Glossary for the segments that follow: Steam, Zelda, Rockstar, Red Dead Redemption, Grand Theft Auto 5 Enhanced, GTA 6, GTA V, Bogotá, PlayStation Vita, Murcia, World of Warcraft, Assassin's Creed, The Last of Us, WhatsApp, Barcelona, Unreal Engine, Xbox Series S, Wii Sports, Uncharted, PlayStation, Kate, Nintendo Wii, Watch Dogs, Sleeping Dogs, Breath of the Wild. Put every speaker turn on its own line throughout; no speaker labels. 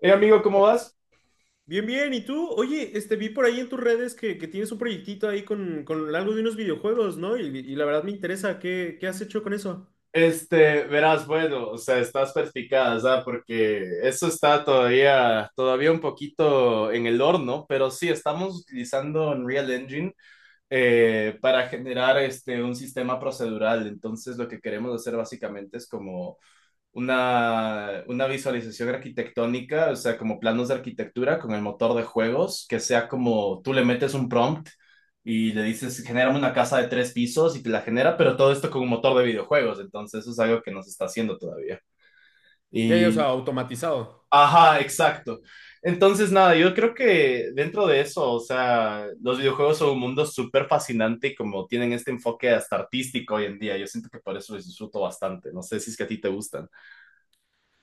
Hey amigo, ¿cómo vas?
Bien, bien. ¿Y tú? Oye, vi por ahí en tus redes que tienes un proyectito ahí con algo de unos videojuegos, ¿no? Y la verdad me interesa, ¿qué has hecho con eso?
Verás, bueno, o sea, estás perspicaz, ¿ah? Porque eso está todavía un poquito en el horno, pero sí, estamos utilizando Unreal Engine para generar un sistema procedural. Entonces, lo que queremos hacer básicamente es como una visualización arquitectónica, o sea, como planos de arquitectura con el motor de juegos, que sea como tú le metes un prompt y le dices, genérame una casa de tres pisos y te la genera, pero todo esto con un motor de videojuegos, entonces eso es algo que no se está haciendo todavía.
Ya, ya, o sea,
Y,
automatizado.
ajá, exacto. Entonces, nada, yo creo que dentro de eso, o sea, los videojuegos son un mundo súper fascinante y como tienen este enfoque hasta artístico hoy en día, yo siento que por eso los disfruto bastante. No sé si es que a ti te gustan.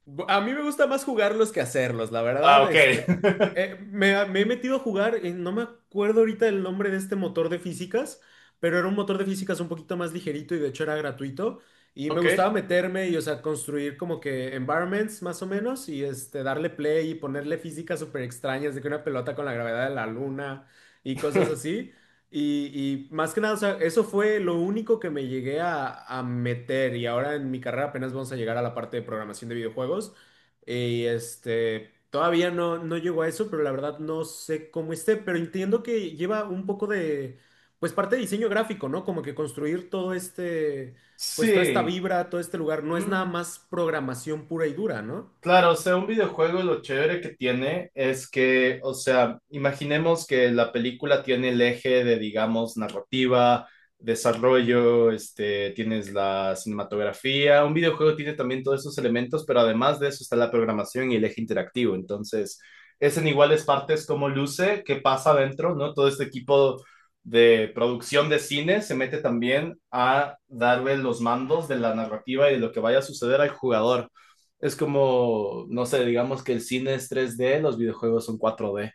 A mí me gusta más jugarlos que hacerlos, la
Ah,
verdad.
ok.
Me he metido a jugar, no me acuerdo ahorita el nombre de este motor de físicas, pero era un motor de físicas un poquito más ligerito y de hecho era gratuito. Y me
Ok.
gustaba meterme y, o sea, construir como que environments más o menos y este, darle play y ponerle físicas súper extrañas de que una pelota con la gravedad de la luna y cosas así. Y más que nada, o sea, eso fue lo único que me llegué a meter y ahora en mi carrera apenas vamos a llegar a la parte de programación de videojuegos. Y este, todavía no, no llego a eso, pero la verdad no sé cómo esté, pero entiendo que lleva un poco de, pues parte de diseño gráfico, ¿no? Como que construir todo este, pues toda esta
Sí.
vibra, todo este lugar, no es
Ujú.
nada más programación pura y dura, ¿no?
Claro, o sea, un videojuego lo chévere que tiene es que, o sea, imaginemos que la película tiene el eje de, digamos, narrativa, desarrollo, tienes la cinematografía. Un videojuego tiene también todos esos elementos, pero además de eso está la programación y el eje interactivo. Entonces, es en iguales partes cómo luce, qué pasa adentro, ¿no? Todo este equipo de producción de cine se mete también a darle los mandos de la narrativa y de lo que vaya a suceder al jugador. Es como, no sé, digamos que el cine es 3D, los videojuegos son 4D.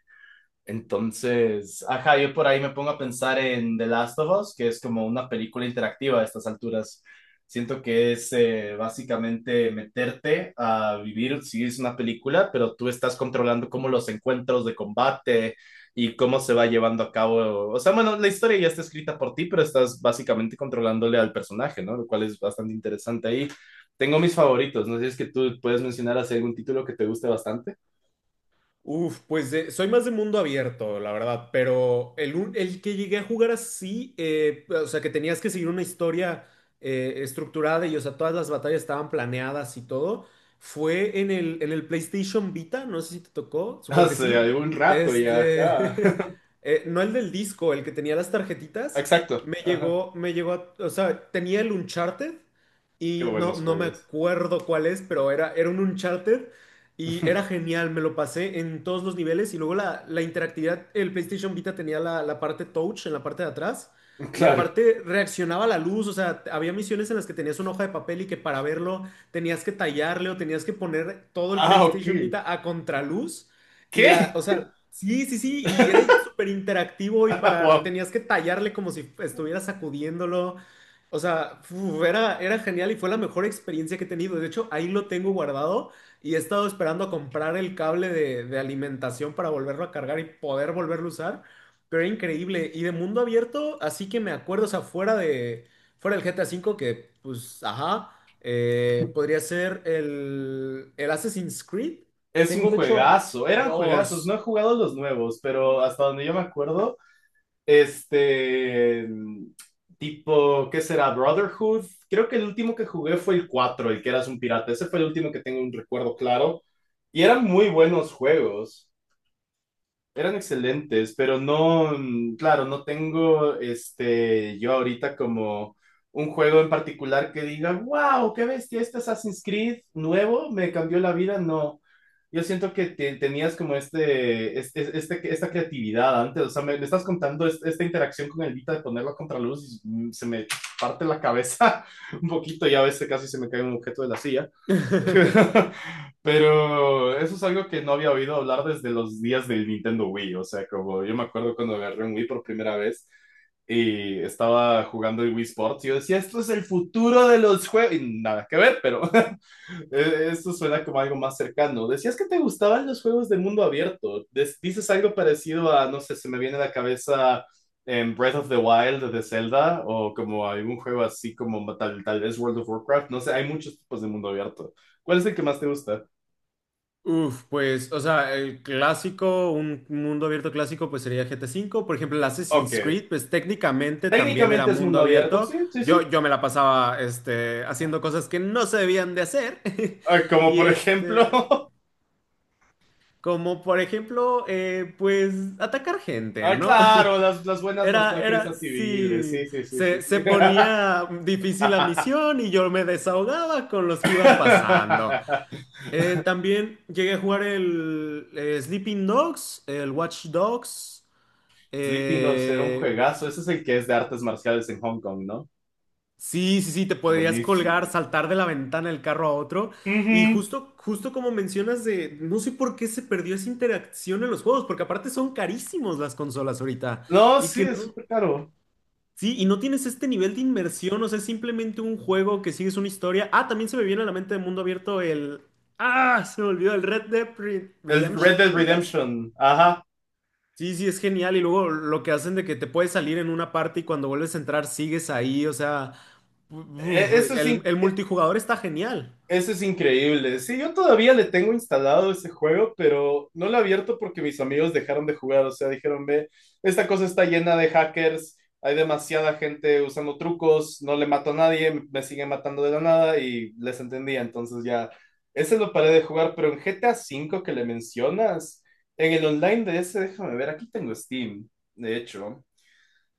Entonces, ajá, yo por ahí me pongo a pensar en The Last of Us, que es como una película interactiva a estas alturas. Siento que es básicamente meterte a vivir, sí es una película, pero tú estás controlando cómo los encuentros de combate y cómo se va llevando a cabo. O sea, bueno, la historia ya está escrita por ti, pero estás básicamente controlándole al personaje, ¿no? Lo cual es bastante interesante ahí. Tengo mis favoritos, no sé si es que tú puedes mencionar así algún título que te guste bastante.
Uf, pues soy más de mundo abierto, la verdad, pero el que llegué a jugar así, o sea, que tenías que seguir una historia estructurada y, o sea, todas las batallas estaban planeadas y todo, fue en en el PlayStation Vita, no sé si te tocó, supongo que
Hace
sí,
algún rato ya, ajá.
este, no el del disco, el que tenía las tarjetitas,
Exacto, ajá.
o sea, tenía el Uncharted.
Qué
Y no,
buenos
no me
juegos.
acuerdo cuál es, pero era un Uncharted y era genial, me lo pasé en todos los niveles. Y luego la interactividad, el PlayStation Vita tenía la parte touch en la parte de atrás. Y
Claro.
aparte reaccionaba a la luz, o sea, había misiones en las que tenías una hoja de papel y que para verlo tenías que tallarle o tenías que poner todo el
Ah, ok.
PlayStation Vita a contraluz. Y la,
¿Qué?
o sea, sí, sí, sí, y era súper interactivo y para,
Wow.
tenías que tallarle como si estuvieras sacudiéndolo. O sea, uf, era genial y fue la mejor experiencia que he tenido. De hecho, ahí lo tengo guardado y he estado esperando comprar el cable de alimentación para volverlo a cargar y poder volverlo a usar. Pero era increíble. Y de mundo abierto, así que me acuerdo, o sea, fuera del GTA V, que pues, ajá, podría ser el Assassin's Creed.
Es un
Tengo de hecho
juegazo, eran juegazos, no
dos.
he jugado los nuevos, pero hasta donde yo me acuerdo, este, tipo, ¿qué será? Brotherhood. Creo que el último que jugué fue el 4, el que eras un pirata. Ese fue el último que tengo un recuerdo claro. Y eran muy buenos juegos. Eran excelentes, pero no, claro, no tengo yo ahorita como un juego en particular que diga, wow, qué bestia, este Assassin's Creed nuevo me cambió la vida. No, yo siento que tenías como esta creatividad antes, o sea, me estás contando esta interacción con el Vita de ponerlo a contraluz y se me parte la cabeza un poquito y a veces casi se me cae un objeto de la silla. Pero eso es algo que no había oído hablar desde los días del Nintendo Wii. O sea, como yo me acuerdo cuando agarré un Wii por primera vez y estaba jugando el Wii Sports, y yo decía, esto es el futuro de los juegos. Y nada que ver, pero esto suena como algo más cercano. Decías que te gustaban los juegos de mundo abierto. Dices algo parecido a, no sé, se me viene a la cabeza en Breath of the Wild de Zelda o como algún juego así como tal vez World of Warcraft. No sé, hay muchos tipos de mundo abierto. ¿Cuál es el que más te gusta?
Uf, pues, o sea, el clásico, un mundo abierto clásico, pues sería GTA V. Por ejemplo, el Assassin's
Ok.
Creed, pues técnicamente también era
Técnicamente es
mundo
mundo abierto,
abierto.
sí, sí, sí.
Yo me la pasaba, este, haciendo cosas que no se debían de hacer.
Ah, como
Y
por
este,
ejemplo.
como por ejemplo, pues, atacar gente,
Ah,
¿no?
claro, las buenas masacres a civiles,
Sí,
sí, sí, sí, sí, sí.
se ponía difícil la misión y yo me desahogaba con los que iban pasando. También llegué a jugar el Sleeping Dogs, el Watch Dogs.
Sleeping Dogs era un
eh,
juegazo, ese es el que es de artes marciales en Hong Kong, ¿no?
sí, sí, sí, te podrías
Buenísimo.
colgar, saltar de la ventana del carro a otro. Y
Ujú.
justo como mencionas de, no sé por qué se perdió esa interacción en los juegos, porque aparte son carísimos las consolas ahorita.
No,
Y
sí,
que
es
no,
súper caro.
sí, y no tienes este nivel de inmersión, o sea, es simplemente un juego que sigues una historia. Ah, también se me viene a la mente de mundo abierto el... Ah, se me olvidó el
El Red
Redemption,
Dead
creo que es.
Redemption, ajá.
Sí, sí, es genial. Y luego lo que hacen de que te puedes salir en una parte y cuando vuelves a entrar sigues ahí. O sea,
E-
uf,
eso sí.
el multijugador está genial.
Eso es increíble. Sí, yo todavía le tengo instalado ese juego, pero no lo he abierto porque mis amigos dejaron de jugar. O sea, dijeron, ve, esta cosa está llena de hackers, hay demasiada gente usando trucos, no le mato a nadie, me siguen matando de la nada y les entendía. Entonces ya, ese lo paré de jugar, pero en GTA V que le mencionas, en el online de ese, déjame ver, aquí tengo Steam, de hecho.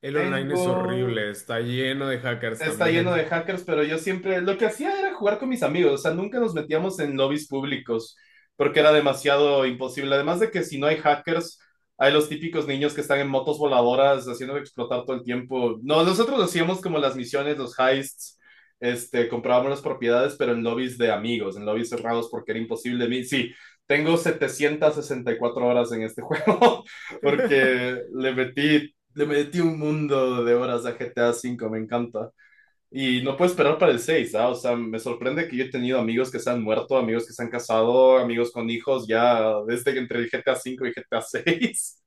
El online es
Tengo
horrible, está lleno de hackers
Está lleno
también.
de hackers, pero yo siempre lo que hacía era jugar con mis amigos, o sea, nunca nos metíamos en lobbies públicos porque era demasiado imposible. Además de que si no hay hackers, hay los típicos niños que están en motos voladoras haciendo explotar todo el tiempo. No, nosotros hacíamos como las misiones, los heists, comprábamos las propiedades, pero en lobbies de amigos, en lobbies cerrados porque era imposible. Sí, tengo 764 horas en este juego porque le metí un mundo de horas a GTA 5. Me encanta. Y no puedo esperar para el 6, ¿ah? O sea, me sorprende que yo he tenido amigos que se han muerto, amigos que se han casado, amigos con hijos ya desde que entre el GTA 5 y GTA 6.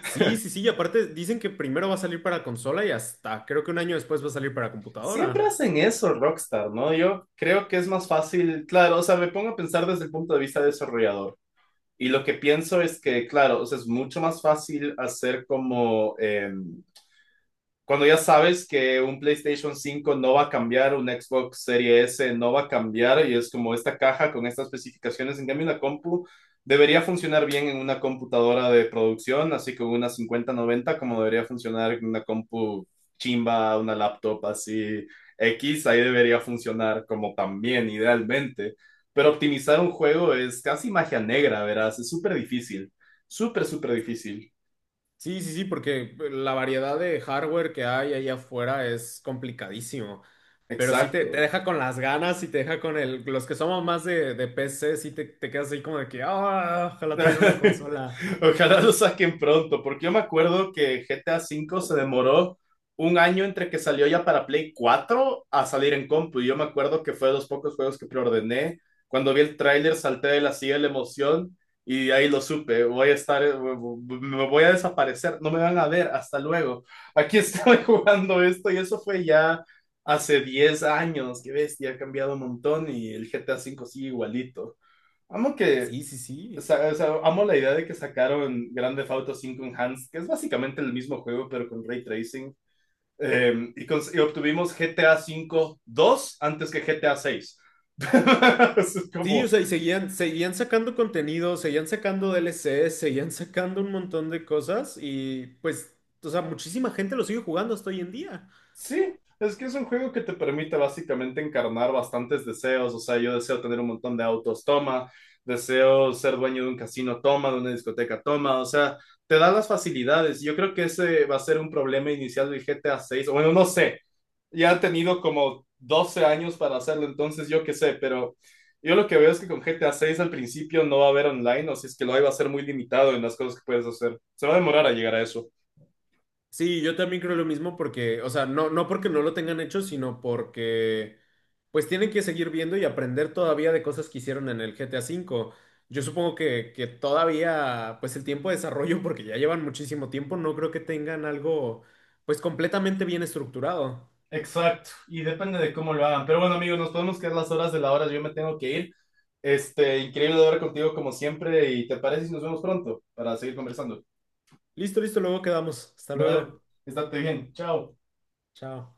Sí, sí, sí. Y aparte dicen que primero va a salir para consola y hasta creo que un año después va a salir para
Siempre
computadora.
hacen eso, Rockstar, ¿no? Yo creo que es más fácil, claro, o sea, me pongo a pensar desde el punto de vista desarrollador. Y lo que pienso es que, claro, o sea, es mucho más fácil hacer como, cuando ya sabes que un PlayStation 5 no va a cambiar, un Xbox Series S no va a cambiar, y es como esta caja con estas especificaciones, en cambio una compu debería funcionar bien en una computadora de producción, así como una 5090 como debería funcionar en una compu chimba, una laptop así X, ahí debería funcionar como también idealmente. Pero optimizar un juego es casi magia negra, verás, es súper difícil, súper, súper difícil.
Sí, sí, sí, porque la variedad de hardware que hay allá afuera es complicadísimo. Pero sí te
Exacto.
deja con las ganas y te deja con el. Los que somos más de PC, sí te quedas ahí como de que, ah, ojalá tuviera una consola.
Ojalá lo saquen pronto, porque yo me acuerdo que GTA V se demoró un año entre que salió ya para Play 4 a salir en compu. Y yo me acuerdo que fue de los pocos juegos que preordené. Cuando vi el tráiler salté de la silla de la emoción y ahí lo supe. Voy a estar, me voy a desaparecer, no me van a ver, hasta luego. Aquí estoy jugando esto y eso fue ya hace 10 años. Qué bestia, ha cambiado un montón y el GTA V sigue igualito. Amo que
Sí, sí,
o o
sí.
sea, amo la idea de que sacaron Grand Theft Auto 5 Enhanced, que es básicamente el mismo juego, pero con ray tracing. Y obtuvimos GTA 5 2 antes que GTA 6. Es
Sí,
como,
o sea, y seguían sacando contenido, seguían sacando DLCs, seguían sacando un montón de cosas y pues, o sea, muchísima gente lo sigue jugando hasta hoy en día.
sí, es que es un juego que te permite básicamente encarnar bastantes deseos. O sea, yo deseo tener un montón de autos, toma. Deseo ser dueño de un casino, toma, de una discoteca, toma. O sea, te da las facilidades. Yo creo que ese va a ser un problema inicial del GTA 6. Bueno, no sé. Ya ha tenido como 12 años para hacerlo, entonces yo qué sé, pero yo lo que veo es que con GTA 6 al principio no va a haber online, o si es que lo hay, va a ser muy limitado en las cosas que puedes hacer. Se va a demorar a llegar a eso.
Sí, yo también creo lo mismo porque, o sea, no porque no lo tengan hecho, sino porque pues tienen que seguir viendo y aprender todavía de cosas que hicieron en el GTA V. Yo supongo que todavía, pues el tiempo de desarrollo, porque ya llevan muchísimo tiempo, no creo que tengan algo pues completamente bien estructurado.
Exacto, y depende de cómo lo hagan. Pero bueno, amigos, nos podemos quedar las horas de la hora. Yo me tengo que ir. Increíble hablar contigo como siempre. ¿Y te parece si nos vemos pronto para seguir conversando?
Listo, listo, luego quedamos. Hasta
Dale,
luego.
estate bien. Chao.
Chao.